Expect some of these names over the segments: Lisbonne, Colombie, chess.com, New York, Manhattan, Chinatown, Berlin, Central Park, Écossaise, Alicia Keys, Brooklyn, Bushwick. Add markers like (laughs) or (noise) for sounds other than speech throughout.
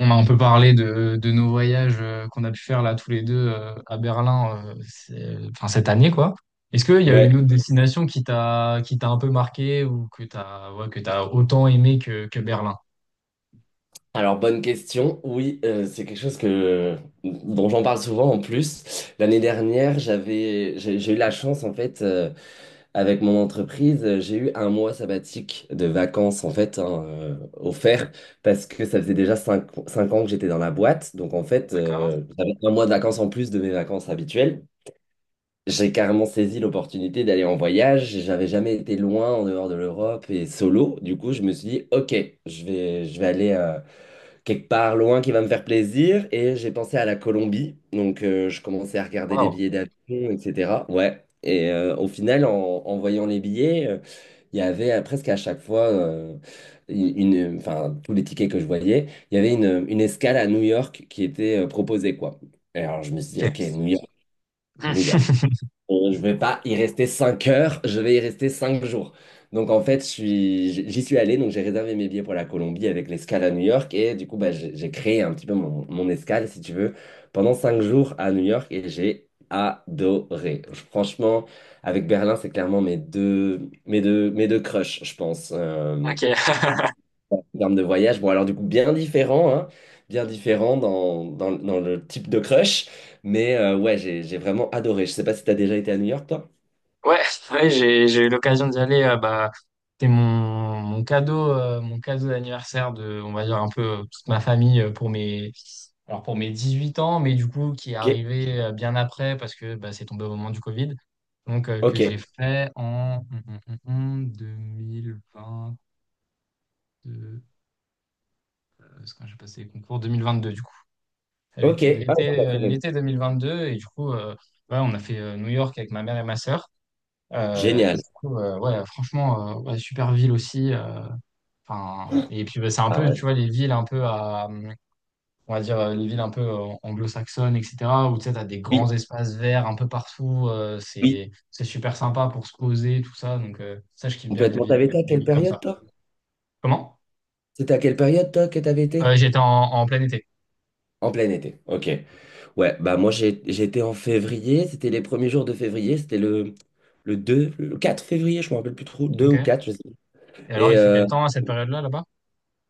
On a un peu parlé de nos voyages qu'on a pu faire là tous les deux à Berlin, enfin, cette année quoi. Est-ce qu'il y a une Ouais, autre destination qui t'a un peu marqué ou que t'as ouais, que t'as autant aimé que Berlin? alors bonne question. Oui, c'est quelque chose que, dont j'en parle souvent en plus. L'année dernière, j'ai eu la chance en fait, avec mon entreprise, j'ai eu un mois sabbatique de vacances en fait, hein, offert parce que ça faisait déjà cinq ans que j'étais dans la boîte. Donc en fait, D'accord. J'avais un mois de vacances en plus de mes vacances habituelles. J'ai carrément saisi l'opportunité d'aller en voyage. J'avais jamais été loin en dehors de l'Europe et solo. Du coup, je me suis dit, OK, je vais aller. Quelque part loin qui va me faire plaisir. Et j'ai pensé à la Colombie. Donc, je commençais à regarder les Wow. billets d'avion, etc. Ouais. Et au final, en voyant les billets, il y avait presque à chaque fois, enfin, tous les tickets que je voyais, il y avait une escale à New York qui était proposée, quoi. Et alors, je me suis dit, OK, New Ok. York. New York. (laughs) Je ne vais pas y rester 5 heures, je vais y rester 5 jours. Donc en fait, j'y suis allé, donc j'ai réservé mes billets pour la Colombie avec l'escale à New York et du coup, bah, j'ai créé un petit peu mon, mon escale, si tu veux, pendant 5 jours à New York et j'ai adoré. Franchement, avec Berlin, c'est clairement mes deux crushs, je pense, Ok. en termes de voyage. Bon, alors du coup, bien différent, hein, bien différent dans, dans le type de crush, mais ouais, j'ai vraiment adoré. Je sais pas si tu as déjà été à New York, toi. Ouais, (laughs) ouais, j'ai eu l'occasion d'y aller. Bah, c'était mon cadeau, mon cadeau d'anniversaire de, on va dire un peu toute ma famille, pour mes alors pour mes 18 ans, mais du coup qui est Ok, arrivé bien après parce que bah, c'est tombé au moment du Covid, donc que ok, j'ai fait en 2022. euh, C'est quand j'ai passé les concours 2022 du coup. ok. L'été Ah, donc, la l'été euh, période. l'été 2022 et du coup ouais, on a fait New York avec ma mère et ma sœur. Et du Génial. coup, ouais, franchement, ouais, super ville aussi. Enfin, et puis bah, c'est un Ah peu, tu ouais. vois, les villes un peu on va dire, les villes un peu anglo-saxonnes, etc. Où tu sais, t'as des grands Oui, espaces verts un peu partout. euh, oui, c'est, c'est super sympa pour se poser, tout ça. Donc ça, je kiffe bien complètement. T'avais été à les quelle villes comme période, ça. toi? Comment? C'était à quelle période, toi, que t'avais été? J'étais en plein été. En plein été. Ok. Ouais, bah moi, j'étais en février. C'était les premiers jours de février. C'était le 2, le 4 février, je me rappelle plus trop. 2 Ok. ou 4. Je sais plus. Et alors, Et, il fait quel temps à cette période-là, là-bas?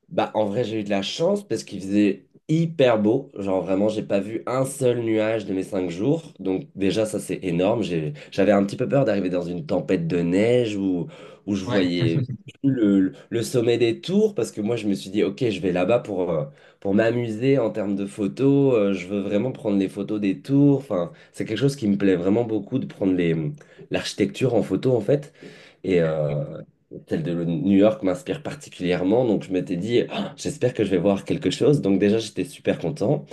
bah, en vrai, j'ai eu de la chance parce qu'il faisait hyper beau. Genre, vraiment, j'ai pas vu un seul nuage de mes 5 jours. Donc, déjà, ça, c'est énorme. J'avais un petit peu peur d'arriver dans une tempête de neige où je Ouais. voyais (laughs) le sommet des tours parce que moi, je me suis dit, OK, je vais là-bas pour m'amuser en termes de photos. Je veux vraiment prendre les photos des tours. Enfin, c'est quelque chose qui me plaît vraiment beaucoup de prendre l'architecture en photo, en fait. Et Ok. Celle de New York m'inspire particulièrement. Donc, je m'étais dit, ah, j'espère que je vais voir quelque chose. Donc, déjà, j'étais super content.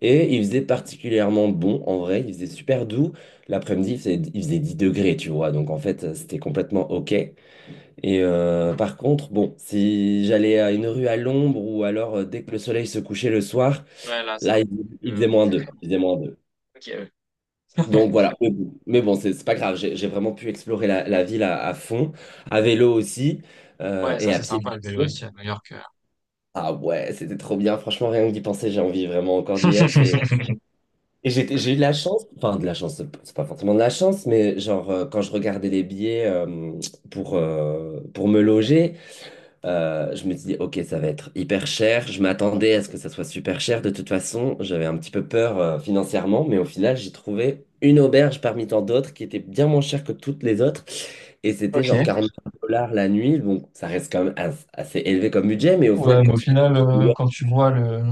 Et il faisait particulièrement bon, en vrai. Il faisait super doux. L'après-midi, il faisait 10 degrés, tu vois. Donc, en fait, c'était complètement OK. Et par contre, bon, si j'allais à une rue à l'ombre ou alors dès que le soleil se couchait le soir, Ouais, là, c'est là, un peu, il faisait -2. Il faisait moins deux, ok, ouais. donc voilà, mais bon, c'est pas grave, j'ai vraiment pu explorer la ville à fond, à vélo aussi, (laughs) Ouais, ça, et à c'est pied. sympa le vélo aussi à New York. Ah ouais, c'était trop bien, franchement, rien que d'y penser, j'ai envie vraiment encore d'y être. Et, (laughs) j'ai eu de la chance, enfin de la chance, c'est pas forcément de la chance, mais genre quand je regardais les billets pour me loger, je me suis dit, ok, ça va être hyper cher. Je m'attendais à ce que ça soit super cher. De toute façon, j'avais un petit peu peur financièrement, mais au final, j'ai trouvé une auberge parmi tant d'autres qui était bien moins chère que toutes les autres. Et c'était Ok. genre 40 $ la nuit. Donc, ça reste quand même assez élevé comme budget, mais au final, Ouais, quand mais au tu penses. final, quand tu vois le,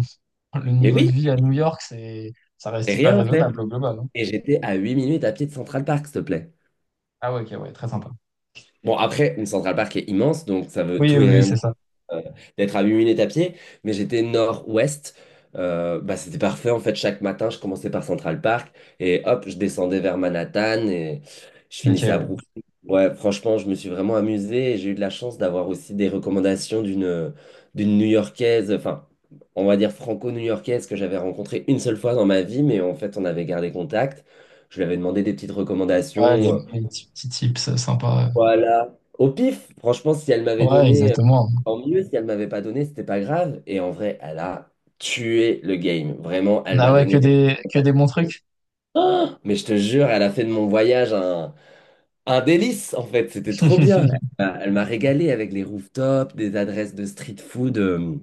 le Mais niveau de oui, vie à New York, ça reste c'est hyper rien en fait. raisonnable au global, hein. Et j'étais à 8 minutes à pied de Central Park, s'il te plaît. Ah ouais, ok, ouais, très sympa. Bon, après, une Central Park est immense, donc ça veut Oui, tout oui, et oui, rien c'est ça. euh, d'être à 8 minutes à pied, mais j'étais nord-ouest. Bah, c'était parfait en fait. Chaque matin, je commençais par Central Park et hop, je descendais vers Manhattan et je Ok, finissais à ouais. Brooklyn. Ouais, franchement, je me suis vraiment amusé et j'ai eu de la chance d'avoir aussi des recommandations d'une New-Yorkaise, enfin, on va dire franco-new-yorkaise que j'avais rencontrée une seule fois dans ma vie, mais en fait, on avait gardé contact. Je lui avais demandé des petites Ouais, les, recommandations, les petits, petits tips sympas. voilà. Au pif, franchement, si elle m'avait Ouais, donné, exactement. tant mieux. Si elle m'avait pas donné, c'était pas grave. Et en vrai, elle a tué le game. Vraiment, elle Ah m'a ouais, que donné des. des, que des (gasps) bons trucs. Ah mais je te jure, elle a fait de mon voyage un délice, en fait. C'était trop bien. (laughs) Elle m'a régalé avec les rooftops, des adresses de street food,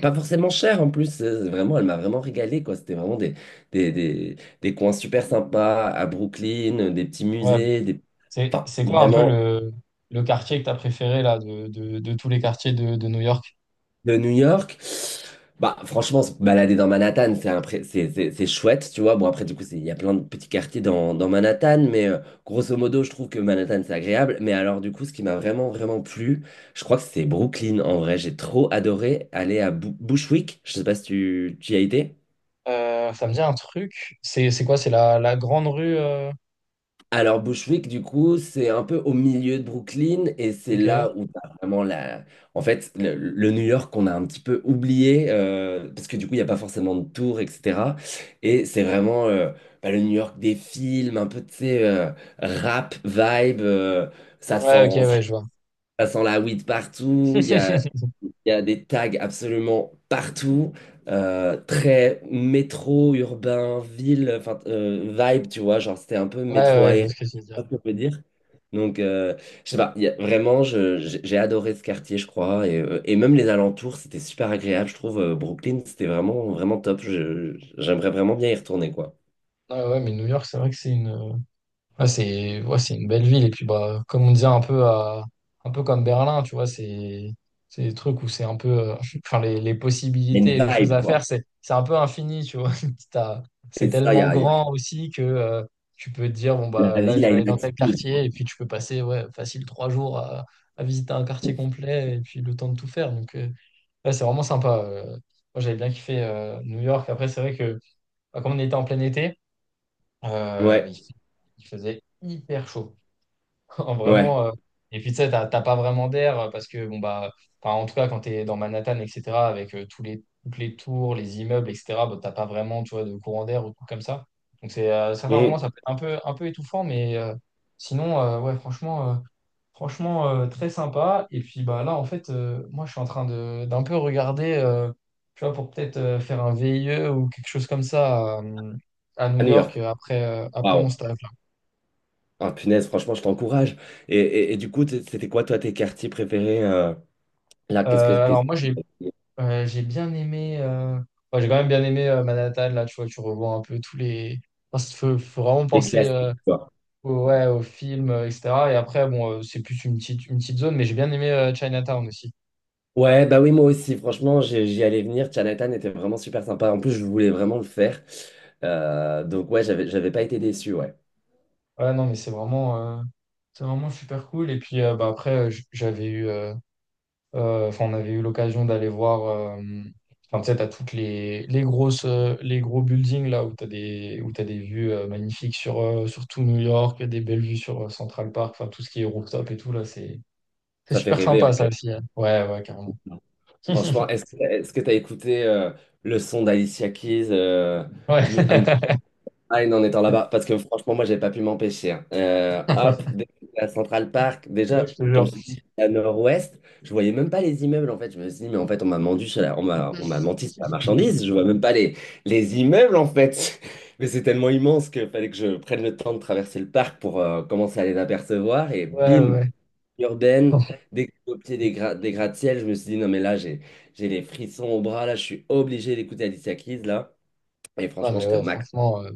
pas forcément chères en plus. Vraiment, elle m'a vraiment régalé, quoi. C'était vraiment des, des, des coins super sympas à Brooklyn, des petits Ouais. musées, des... C'est, Enfin, c'est quoi un peu vraiment. le quartier que t'as préféré là, de tous les quartiers de New York? De New York. Bah, franchement, se balader dans Manhattan, c'est un pré- c'est chouette, tu vois. Bon, après, du coup, il y a plein de petits quartiers dans Manhattan, mais grosso modo, je trouve que Manhattan, c'est agréable. Mais alors, du coup, ce qui m'a vraiment, vraiment plu, je crois que c'est Brooklyn, en vrai. J'ai trop adoré aller à Bushwick. Je sais pas si tu y as été. Ça me dit un truc. C'est quoi? C'est la grande rue. Alors Bushwick, du coup, c'est un peu au milieu de Brooklyn et c'est Ok. là où t'as vraiment la... En fait, le New York qu'on a un petit peu oublié parce que du coup, il n'y a pas forcément de tour, etc. Et c'est vraiment bah, le New York des films, un peu, tu sais, rap, vibe, ça Ouais, ok, sent, ça ouais, je vois. ça sent la weed partout, (laughs) il y a des tags absolument partout, très métro, urbain, ville, enfin vibe, tu vois, genre c'était un peu Ouais, métro ouais, je aérien, vois ce que tu veux je dire. sais pas si on peut dire. Donc, je sais pas, vraiment, j'ai adoré ce quartier, je crois, et même les alentours, c'était super agréable, je trouve. Brooklyn, c'était vraiment, vraiment top. J'aimerais vraiment bien y retourner, quoi. Ah ouais, mais New York, c'est vrai que c'est une, ah, c'est, ouais, c'est une belle ville. Et puis, bah, comme on disait un peu un peu comme Berlin, tu vois, c'est des trucs où c'est un peu, (laughs) enfin, les Il y a possibilités une et les choses vibe, à faire, quoi. c'est un peu infini, tu vois. (laughs) T'as- C'est Et ça, tellement grand aussi que, tu peux te dire, bon, bah, la là, ville je a vais aller une dans tel attitude, quoi. quartier. Et puis, tu peux passer, ouais, facile 3 jours à visiter un quartier complet et puis le temps de tout faire. Donc, ouais, c'est vraiment sympa. Moi, j'avais bien kiffé, New York. Après, c'est vrai que, bah, comme on était en plein été, euh, Ouais, il, fait- il faisait hyper chaud. (laughs) ouais. Vraiment. Et puis, tu sais, t'as pas vraiment d'air parce que, bon, bah, enfin, en tout cas, quand tu es dans Manhattan, etc., avec tous les, toutes les tours, les immeubles, etc., bah, t'as pas vraiment, tu vois, de courant d'air ou tout comme ça. Donc, c'est, à certains moments, Mm. ça peut être un peu étouffant, mais sinon, ouais, franchement, très sympa. Et puis, bah, là, en fait, moi, je suis en train d'un peu regarder, tu vois, pour peut-être faire un VIE ou quelque chose comme ça à, New À New York York. Après mon Waouh. stage. Ah, punaise, franchement, je t'encourage. Et du coup, c'était quoi, toi, tes quartiers préférés là, Euh, alors moi j'ai bien aimé. Ouais, j'ai quand même bien aimé Manhattan. Là, tu vois, tu revois un peu tous les. Parce qu'il faut vraiment les penser, classiques, quoi. Ouais, au film, etc. Et après, bon, c'est plus une petite zone, mais j'ai bien aimé Chinatown aussi. Ouais, bah oui, moi aussi, franchement, j'y allais venir. Chinatown était vraiment super sympa. En plus, je voulais vraiment le faire. Donc, ouais, j'avais pas été déçu, ouais. Ouais, non, mais c'est vraiment super cool. Et puis, bah, après, j'avais eu. Enfin, on avait eu l'occasion d'aller voir. Enfin, tu sais, t'as toutes les grosses, les gros buildings là où t'as des vues magnifiques sur, sur tout New York, des belles vues sur Central Park, enfin tout ce qui est rooftop et tout là, c'est Ça fait super rêver, sympa en ça fait. aussi, hein. Ouais, ouais, carrément. Franchement, (laughs) est-ce t'as écouté le son d'Alicia Keys, Ouais. No- I'm ah, et non, en étant là-bas, parce que franchement, moi, j'ai pas pu m'empêcher, hein. Hop, (laughs) dès que j'étais à Central Park, Ouais, je déjà, te comme jure. je te dis, j'étais à Nord-Ouest, je voyais même pas les immeubles, en fait. Je me suis dit, mais en fait, on m'a menti sur la (laughs) marchandise, je vois même pas les immeubles, en fait. (laughs) Mais c'est tellement immense qu'il fallait que je prenne le temps de traverser le parc pour commencer à les apercevoir, et Ouais, bim, ouais. urbaine. (laughs) Dès que j'étais au pied des gratte-ciel, je me suis dit, non, mais là, j'ai les frissons au bras, là, je suis obligé d'écouter Alicia Keys, là. Et Non franchement, mais j'étais au ouais, max. franchement,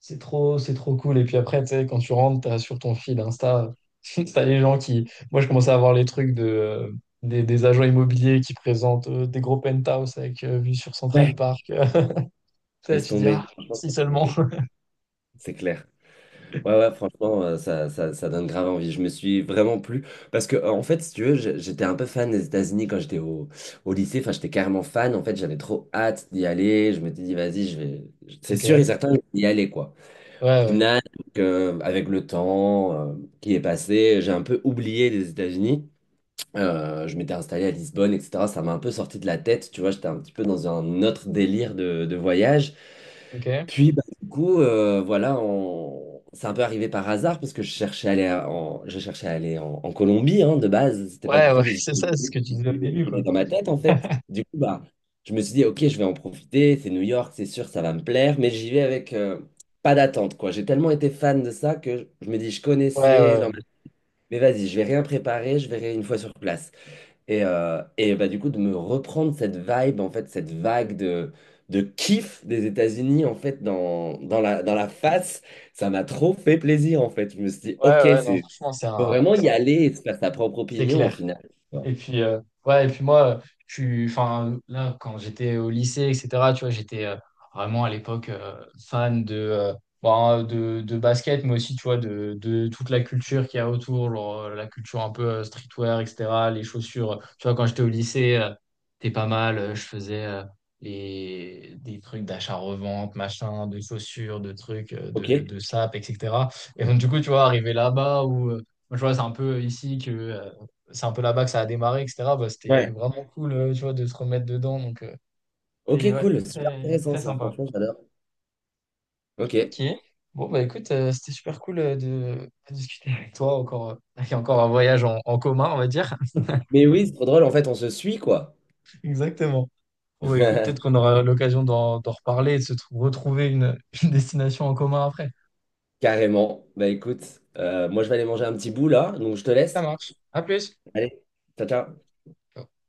c'est trop, c'est trop cool. Et puis après, tu sais, quand tu rentres, t'as sur ton fil Insta, (laughs) t'as les gens qui. Moi, je commençais à voir les trucs de, des agents immobiliers qui présentent des gros penthouse avec vue sur Central Park. (laughs) Ça, Laisse tu dis, tomber. ah, Franchement, si ça fait seulement. rêver. (laughs) C'est clair. Ouais, ouais, franchement, ça donne grave envie. Je me suis vraiment plu. Parce que, en fait, si tu veux, j'étais un peu fan des États-Unis quand j'étais au lycée. Enfin, j'étais carrément fan. En fait, j'avais trop hâte d'y aller. Je m'étais dit, vas-y, je vais. C'est Ok. sûr et Ouais, certain, je vais y aller, quoi. Au ouais. final, donc, avec le temps qui est passé, j'ai un peu oublié les États-Unis. Je m'étais installé à Lisbonne, etc. Ça m'a un peu sorti de la tête, tu vois, j'étais un petit peu dans un autre délire de voyage. Ok. Puis, bah, du coup, voilà, on... c'est un peu arrivé par hasard parce que je cherchais à aller en Colombie, hein, de base. C'était pas Ouais, du ouais, tout (laughs) les c'est ça, c'est ce que tu disais au idées début, qui étaient quoi. dans ma tête, en fait. Du coup, bah, je me suis dit, ok, je vais en profiter. C'est New York, c'est sûr, ça va me plaire, mais j'y vais avec pas d'attente, quoi. J'ai tellement été fan de ça que je me dis, je Ouais, connaissais, ouais. Mais vas-y, je vais rien préparer, je verrai une fois sur place. Et bah, du coup, de me reprendre cette vibe, en fait, cette vague de kiff des États-Unis, en fait, dans la face, ça m'a trop fait plaisir, en fait. Je me suis dit, Ouais, OK, ouais, ouais, non, c'est, franchement, faut vraiment y aller et se faire sa propre c'est opinion, au clair. final. Et puis, ouais, et puis moi, je suis, enfin, là, quand j'étais au lycée, etc., tu vois, j'étais vraiment à l'époque fan de, bon, de basket, mais aussi, tu vois, de toute la culture qu'il y a autour, genre, la culture un peu streetwear, etc., les chaussures. Tu vois, quand j'étais au lycée, t'es pas mal, je faisais des trucs d'achat-revente, machin, de chaussures, de trucs, de, OK. de sapes, etc. Et donc, du coup, tu vois, arrivé là-bas où, moi, je vois, c'est un peu là-bas que ça a démarré, etc. Bah, c'était Ouais. vraiment cool, tu vois, de se remettre dedans. Donc, c'était OK, ouais, cool. Super très, intéressant, très ça. sympa. Franchement, j'adore. OK. Ok. Bon, bah écoute, c'était super cool de discuter avec toi. Encore, (laughs) il y a encore un voyage en commun, on va dire. Mais oui, c'est trop drôle. En fait, on se suit, quoi. (laughs) Exactement. Bon, bah, écoute, peut-être qu'on (laughs) aura l'occasion d'en reparler et de se retrouver une, (laughs) une destination en commun après. Carrément. Bah, écoute, moi, je vais aller manger un petit bout, là. Donc, je te Ça laisse. marche. À plus. Allez, ciao, ciao. Ciao.